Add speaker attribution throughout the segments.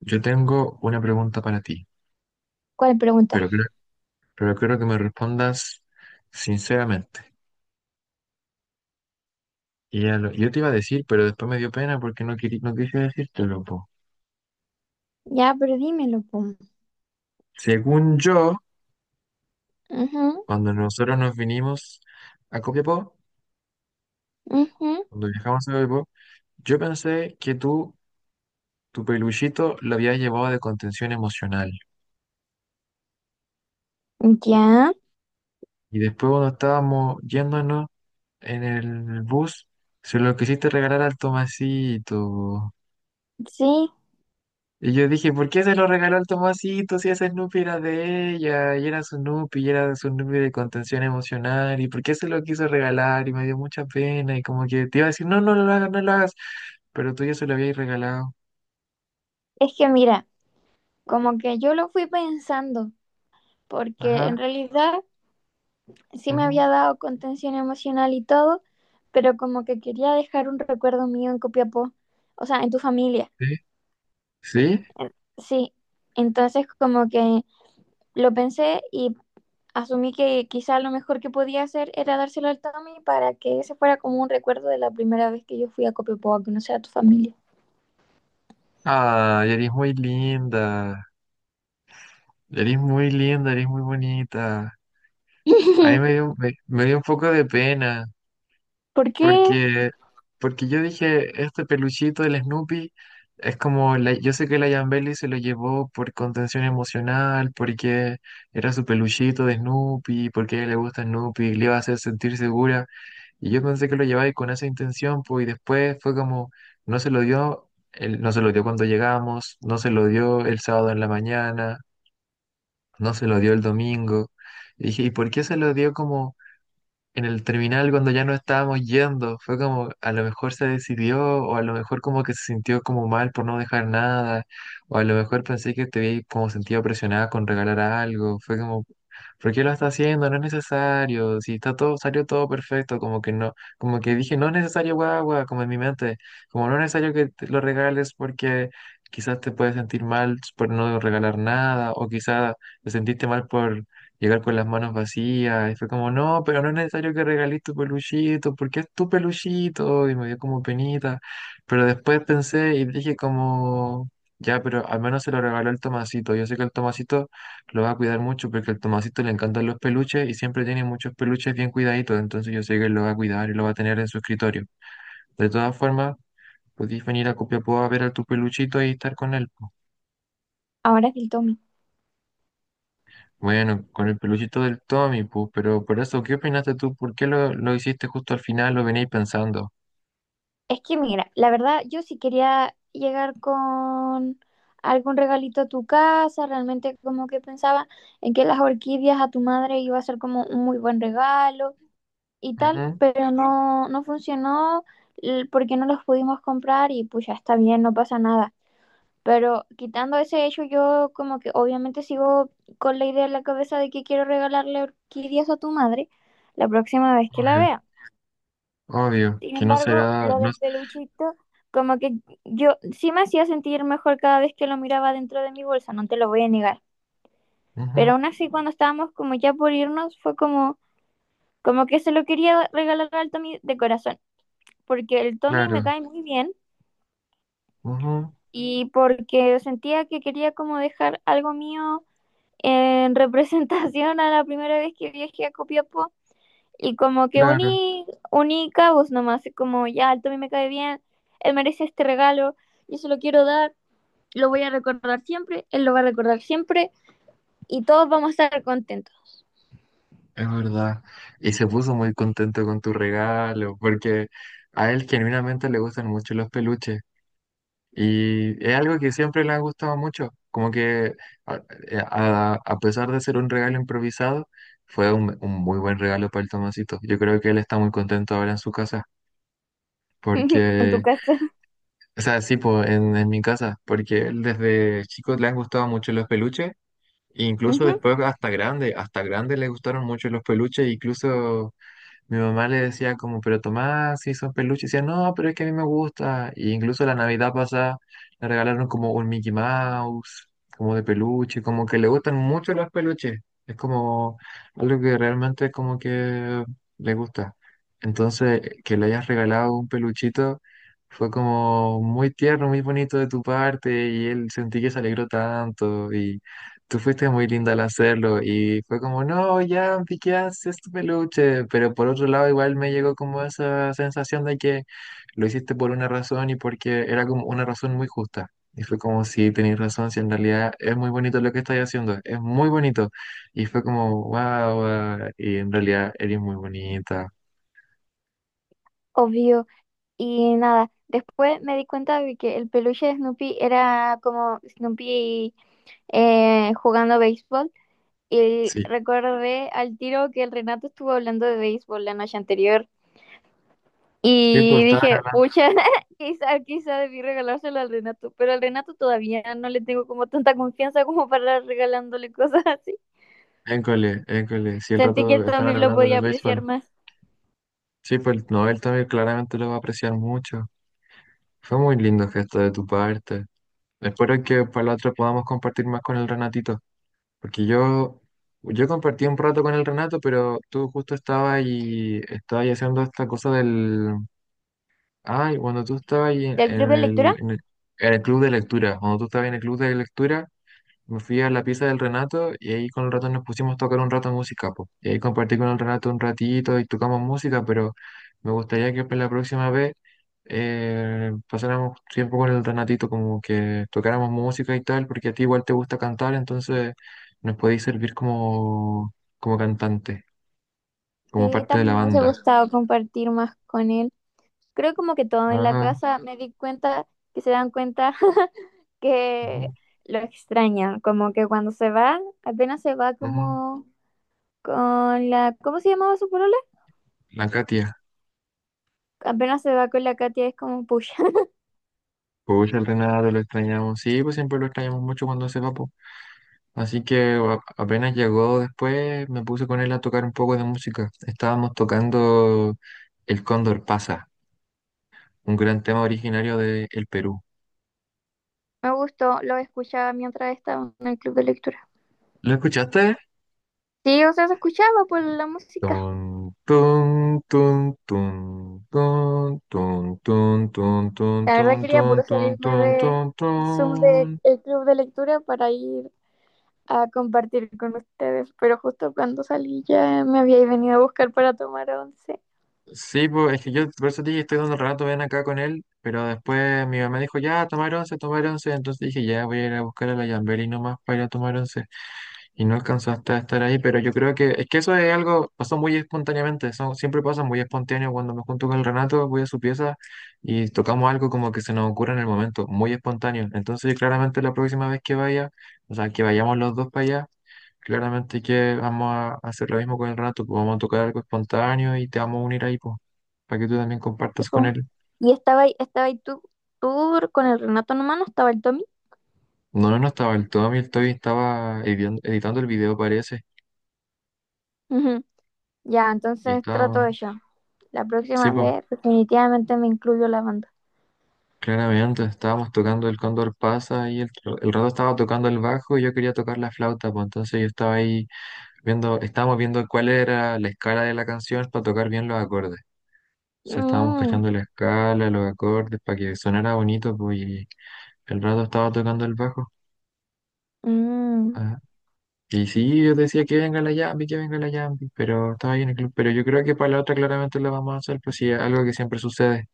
Speaker 1: Yo tengo una pregunta para ti,
Speaker 2: ¿Cuál pregunta?
Speaker 1: pero creo, pero quiero que me respondas sinceramente. Y ya lo- yo te iba a decir, pero después me dio pena porque no, querí- no quise decírtelo, po.
Speaker 2: Ya, pero dímelo, po.
Speaker 1: Según yo,
Speaker 2: Ujú,
Speaker 1: cuando nosotros nos vinimos a Copiapó,
Speaker 2: ujú.
Speaker 1: cuando viajamos a Copiapó, yo pensé que tú, tu peluchito, lo habías llevado de contención emocional.
Speaker 2: Ya,
Speaker 1: Y después cuando estábamos yéndonos en el bus, se lo quisiste regalar al Tomasito.
Speaker 2: sí.
Speaker 1: Y yo dije, ¿por qué se lo regaló al Tomasito si esa Snoopy era de ella? Y era su Snoopy, y era su Snoopy de contención emocional. ¿Y por qué se lo quiso regalar? Y me dio mucha pena. Y como que te iba a decir, no, no lo hagas, no lo hagas. Pero tú ya se lo habías regalado.
Speaker 2: Es que mira, como que yo lo fui pensando, porque en
Speaker 1: Ajá.
Speaker 2: realidad sí me
Speaker 1: Ujú.
Speaker 2: había dado contención emocional y todo, pero como que quería dejar un recuerdo mío en Copiapó, o sea, en tu familia,
Speaker 1: ¿Sí? ¿Sí?
Speaker 2: sí. Entonces como que lo pensé y asumí que quizá lo mejor que podía hacer era dárselo al Tommy para que ese fuera como un recuerdo de la primera vez que yo fui a Copiapó a conocer a tu familia.
Speaker 1: Ah, eres muy linda. Eres muy linda, eres muy bonita. A mí me dio, me dio un poco de pena.
Speaker 2: ¿Por qué
Speaker 1: Porque, porque yo dije, este peluchito del Snoopy es como, la- yo sé que la Yambeli se lo llevó por contención emocional, porque era su peluchito de Snoopy, porque a ella le gusta Snoopy, le iba a hacer sentir segura. Y yo pensé que lo llevaba ahí con esa intención, pues, y después fue como, no se lo dio, él no se lo dio cuando llegamos, no se lo dio el sábado en la mañana, no se lo dio el domingo. Y dije, ¿y por qué se lo dio como en el terminal cuando ya no estábamos yendo? Fue como, a lo mejor se decidió, o a lo mejor como que se sintió como mal por no dejar nada, o a lo mejor pensé que te vi como sentido presionada con regalar algo. Fue como, ¿por qué lo está haciendo? No es necesario. Si está todo, salió todo perfecto, como que no, como que dije, no es necesario guagua, como en mi mente, como no es necesario que te lo regales porque quizás te puedes sentir mal por no regalar nada, o quizás te sentiste mal por llegar con las manos vacías. Y fue como, no, pero no es necesario que regales tu peluchito, porque es tu peluchito. Y me dio como penita. Pero después pensé y dije como, ya, pero al menos se lo regaló el Tomasito. Yo sé que el Tomasito lo va a cuidar mucho porque al Tomasito le encantan los peluches y siempre tiene muchos peluches bien cuidaditos. Entonces yo sé que él lo va a cuidar y lo va a tener en su escritorio. De todas formas, podéis venir a Copiapó a ver a tu peluchito y estar con él.
Speaker 2: ahora es el Tommy?
Speaker 1: Bueno, con el peluchito del Tommy, pu, pero por eso, ¿qué opinaste tú? ¿Por qué lo hiciste justo al final? ¿Lo veníais pensando?
Speaker 2: Es que mira, la verdad yo sí quería llegar con algún regalito a tu casa, realmente como que pensaba en que las orquídeas a tu madre iba a ser como un muy buen regalo y tal,
Speaker 1: Ujú.
Speaker 2: pero no, no funcionó porque no los pudimos comprar y pues ya está bien, no pasa nada. Pero quitando ese hecho, yo como que obviamente sigo con la idea en la cabeza de que quiero regalarle orquídeas a tu madre la próxima vez que la
Speaker 1: Obvio,
Speaker 2: vea.
Speaker 1: obvio,
Speaker 2: Sin
Speaker 1: que no
Speaker 2: embargo,
Speaker 1: será,
Speaker 2: lo
Speaker 1: no,
Speaker 2: del
Speaker 1: es-
Speaker 2: peluchito, como que yo sí me hacía sentir mejor cada vez que lo miraba dentro de mi bolsa, no te lo voy a negar. Pero
Speaker 1: ujú,
Speaker 2: aún así, cuando estábamos como ya por irnos, fue como, como que se lo quería regalar al Tommy de corazón, porque el Tommy
Speaker 1: claro,
Speaker 2: me cae muy bien
Speaker 1: ujú,
Speaker 2: y porque sentía que quería como dejar algo mío en representación a la primera vez que viajé a Copiapó. Y como que
Speaker 1: claro,
Speaker 2: uní cabos nomás, y como ya, el Tommy me cae bien, él merece este regalo, yo se lo quiero dar, lo voy a recordar siempre, él lo va a recordar siempre y todos vamos a estar contentos.
Speaker 1: es verdad. Y se puso muy contento con tu regalo, porque a él genuinamente le gustan mucho los peluches. Y es algo que siempre le ha gustado mucho, como que a, a pesar de ser un regalo improvisado, fue un muy buen regalo para el Tomasito. Yo creo que él está muy contento ahora en su casa,
Speaker 2: En tu
Speaker 1: porque,
Speaker 2: casa.
Speaker 1: o sea, sí, po, en mi casa, porque él desde chico le han gustado mucho los peluches, e incluso
Speaker 2: Ujú,
Speaker 1: después hasta grande le gustaron mucho los peluches, incluso mi mamá le decía como, pero Tomás, si son peluches, y decía, no, pero es que a mí me gusta. Y incluso la Navidad pasada le regalaron como un Mickey Mouse, como de peluche, como que le gustan mucho los peluches. Es como algo que realmente es como que le gusta. Entonces, que le hayas regalado un peluchito fue como muy tierno, muy bonito de tu parte, y él sentí que se alegró tanto, y tú fuiste muy linda al hacerlo y fue como, no, ya, ¿qué haces tu peluche? Pero por otro lado, igual me llegó como esa sensación de que lo hiciste por una razón y porque era como una razón muy justa. Y fue como, sí, tenéis razón, si en realidad es muy bonito lo que estáis haciendo, es muy bonito. Y fue como, wow, y en realidad eres muy bonita.
Speaker 2: obvio. Y nada, después me di cuenta de que el peluche de Snoopy era como Snoopy jugando béisbol. Y
Speaker 1: Sí,
Speaker 2: recordé al tiro que el Renato estuvo hablando de béisbol la noche anterior.
Speaker 1: sí, pues
Speaker 2: Y
Speaker 1: estaban
Speaker 2: dije,
Speaker 1: hablando,
Speaker 2: pucha, quizá, quizá debí regalárselo al Renato, pero al Renato todavía no le tengo como tanta confianza como para andar regalándole cosas así.
Speaker 1: école, école, sí, el
Speaker 2: Sentí que
Speaker 1: rato
Speaker 2: él
Speaker 1: estaban
Speaker 2: también lo
Speaker 1: hablando de
Speaker 2: podía apreciar
Speaker 1: béisbol.
Speaker 2: más.
Speaker 1: Sí, pues no, él también claramente lo va a apreciar mucho. Fue muy lindo gesto de tu parte. Espero que para la otra podamos compartir más con el Renatito, porque yo compartí un rato con el Renato, pero tú justo estabas y estabas ahí haciendo esta cosa del... Ay, cuando tú estabas ahí
Speaker 2: ¿Del
Speaker 1: en
Speaker 2: club de
Speaker 1: el,
Speaker 2: lectura?
Speaker 1: en el, en el club de lectura, cuando tú estabas en el club de lectura, me fui a la pieza del Renato y ahí con el Renato nos pusimos a tocar un rato música, po. Y ahí compartí con el Renato un ratito y tocamos música, pero me gustaría que para la próxima vez pasáramos tiempo con el Renatito, como que tocáramos música y tal, porque a ti igual te gusta cantar, entonces nos podéis servir como, como cantante, como
Speaker 2: Sí,
Speaker 1: parte de la
Speaker 2: también me hubiese
Speaker 1: banda.
Speaker 2: gustado compartir más con él. Creo como que todo en la
Speaker 1: Ajá.
Speaker 2: casa me di cuenta, que se dan cuenta que
Speaker 1: Ujú.
Speaker 2: lo extrañan, como que cuando se va, apenas se va
Speaker 1: Ujú.
Speaker 2: como con la, ¿cómo se llamaba su polola?
Speaker 1: La Katia.
Speaker 2: Apenas se va con la Katia es como, pucha.
Speaker 1: Pues el Renato lo extrañamos. Sí, pues siempre lo extrañamos mucho cuando se va, po. Así que a- apenas llegó después, me puse con él a tocar un poco de música. Estábamos tocando El Cóndor Pasa, un gran tema originario de El Perú.
Speaker 2: Me gustó, lo escuchaba mientras estaba en el club de lectura.
Speaker 1: ¿Lo escuchaste?
Speaker 2: Sí, o sea, se escuchaba por la música.
Speaker 1: Tun, tun, tun, tun, tun, tun, tun, tun, tun,
Speaker 2: La verdad
Speaker 1: tun,
Speaker 2: quería
Speaker 1: tun,
Speaker 2: puro
Speaker 1: tun,
Speaker 2: salirme
Speaker 1: tun,
Speaker 2: de
Speaker 1: tun,
Speaker 2: Zoom del
Speaker 1: tun.
Speaker 2: club de lectura para ir a compartir con ustedes, pero justo cuando salí ya me habíais venido a buscar para tomar once.
Speaker 1: Sí, pues es que yo por eso te dije, estoy dando el rato, ven acá con él, pero después mi mamá dijo, ya, tomar once, entonces dije, ya, voy a ir a buscar a la Yambeli nomás para ir a tomar once. Y no alcanzaste a estar ahí, pero yo creo que es que eso es algo, pasó muy espontáneamente, eso siempre pasa muy espontáneo. Cuando me junto con el Renato, voy a su pieza y tocamos algo como que se nos ocurre en el momento, muy espontáneo. Entonces, claramente la próxima vez que vaya, o sea, que vayamos los dos para allá, claramente que vamos a hacer lo mismo con el Renato, pues vamos a tocar algo espontáneo y te vamos a unir ahí, pues, para que tú también compartas con él.
Speaker 2: Y estaba ahí tú, tú con el Renato nomás, no estaba el Tommy.
Speaker 1: No, no, no estaba el Tommy, el Toby estaba editando el video, parece,
Speaker 2: Ujú. Ya,
Speaker 1: y
Speaker 2: entonces trato
Speaker 1: estaba,
Speaker 2: de yo. La
Speaker 1: sí,
Speaker 2: próxima
Speaker 1: pues.
Speaker 2: vez definitivamente me incluyo la banda.
Speaker 1: Claramente, estábamos tocando el Cóndor pasa y el, tro- el rato estaba tocando el bajo y yo quería tocar la flauta, pues entonces yo estaba ahí viendo, estábamos viendo cuál era la escala de la canción para tocar bien los acordes. O sea, estábamos
Speaker 2: Mm,
Speaker 1: cachando la escala, los acordes, para que sonara bonito, pues y el rato estaba tocando el bajo.
Speaker 2: mm.
Speaker 1: Ajá. Y sí, yo decía que venga la Yambi, que venga la Yambi, pero estaba ahí en el club. Pero yo creo que para la otra claramente lo vamos a hacer, pues sí, algo que siempre sucede.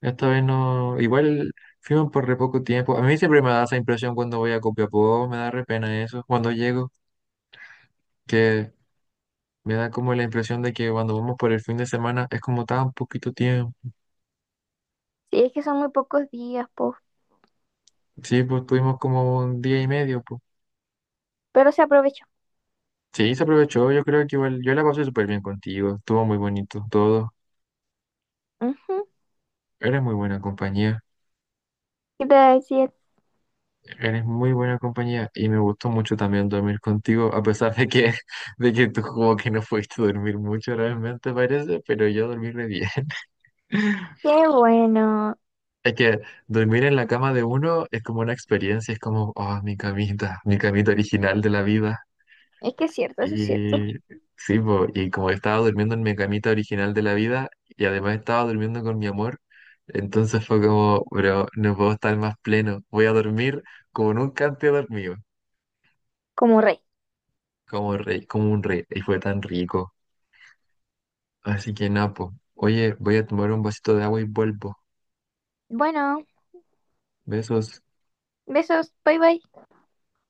Speaker 1: Esta vez no, igual fuimos por re poco tiempo. A mí siempre me da esa impresión cuando voy a Copiapó, me da re pena eso, cuando llego, que me da como la impresión de que cuando vamos por el fin de semana es como tan poquito tiempo.
Speaker 2: Sí, es que son muy pocos días, po.
Speaker 1: Sí, pues tuvimos como un día y medio, pues.
Speaker 2: Pero se aprovechó.
Speaker 1: Sí, se aprovechó, yo creo que igual, yo la pasé súper bien contigo, estuvo muy bonito todo.
Speaker 2: Ujú.
Speaker 1: Eres muy buena compañía,
Speaker 2: ¿Qué te iba a decir?
Speaker 1: eres muy buena compañía y me gustó mucho también dormir contigo, a pesar de que, de que tú como que no fuiste a dormir mucho realmente parece, pero yo dormí re bien.
Speaker 2: Qué bueno.
Speaker 1: Es que dormir en la cama de uno es como una experiencia, es como, oh, mi camita original de la vida.
Speaker 2: Es que es cierto, eso es cierto.
Speaker 1: Y sí, po, y como estaba durmiendo en mi camita original de la vida y además estaba durmiendo con mi amor, entonces fue como, bro, no puedo estar más pleno, voy a dormir como nunca antes he dormido,
Speaker 2: Como rey.
Speaker 1: como rey, como un rey, y fue tan rico. Así que napo, oye, voy a tomar un vasito de agua y vuelvo.
Speaker 2: Bueno,
Speaker 1: Besos.
Speaker 2: besos, bye bye.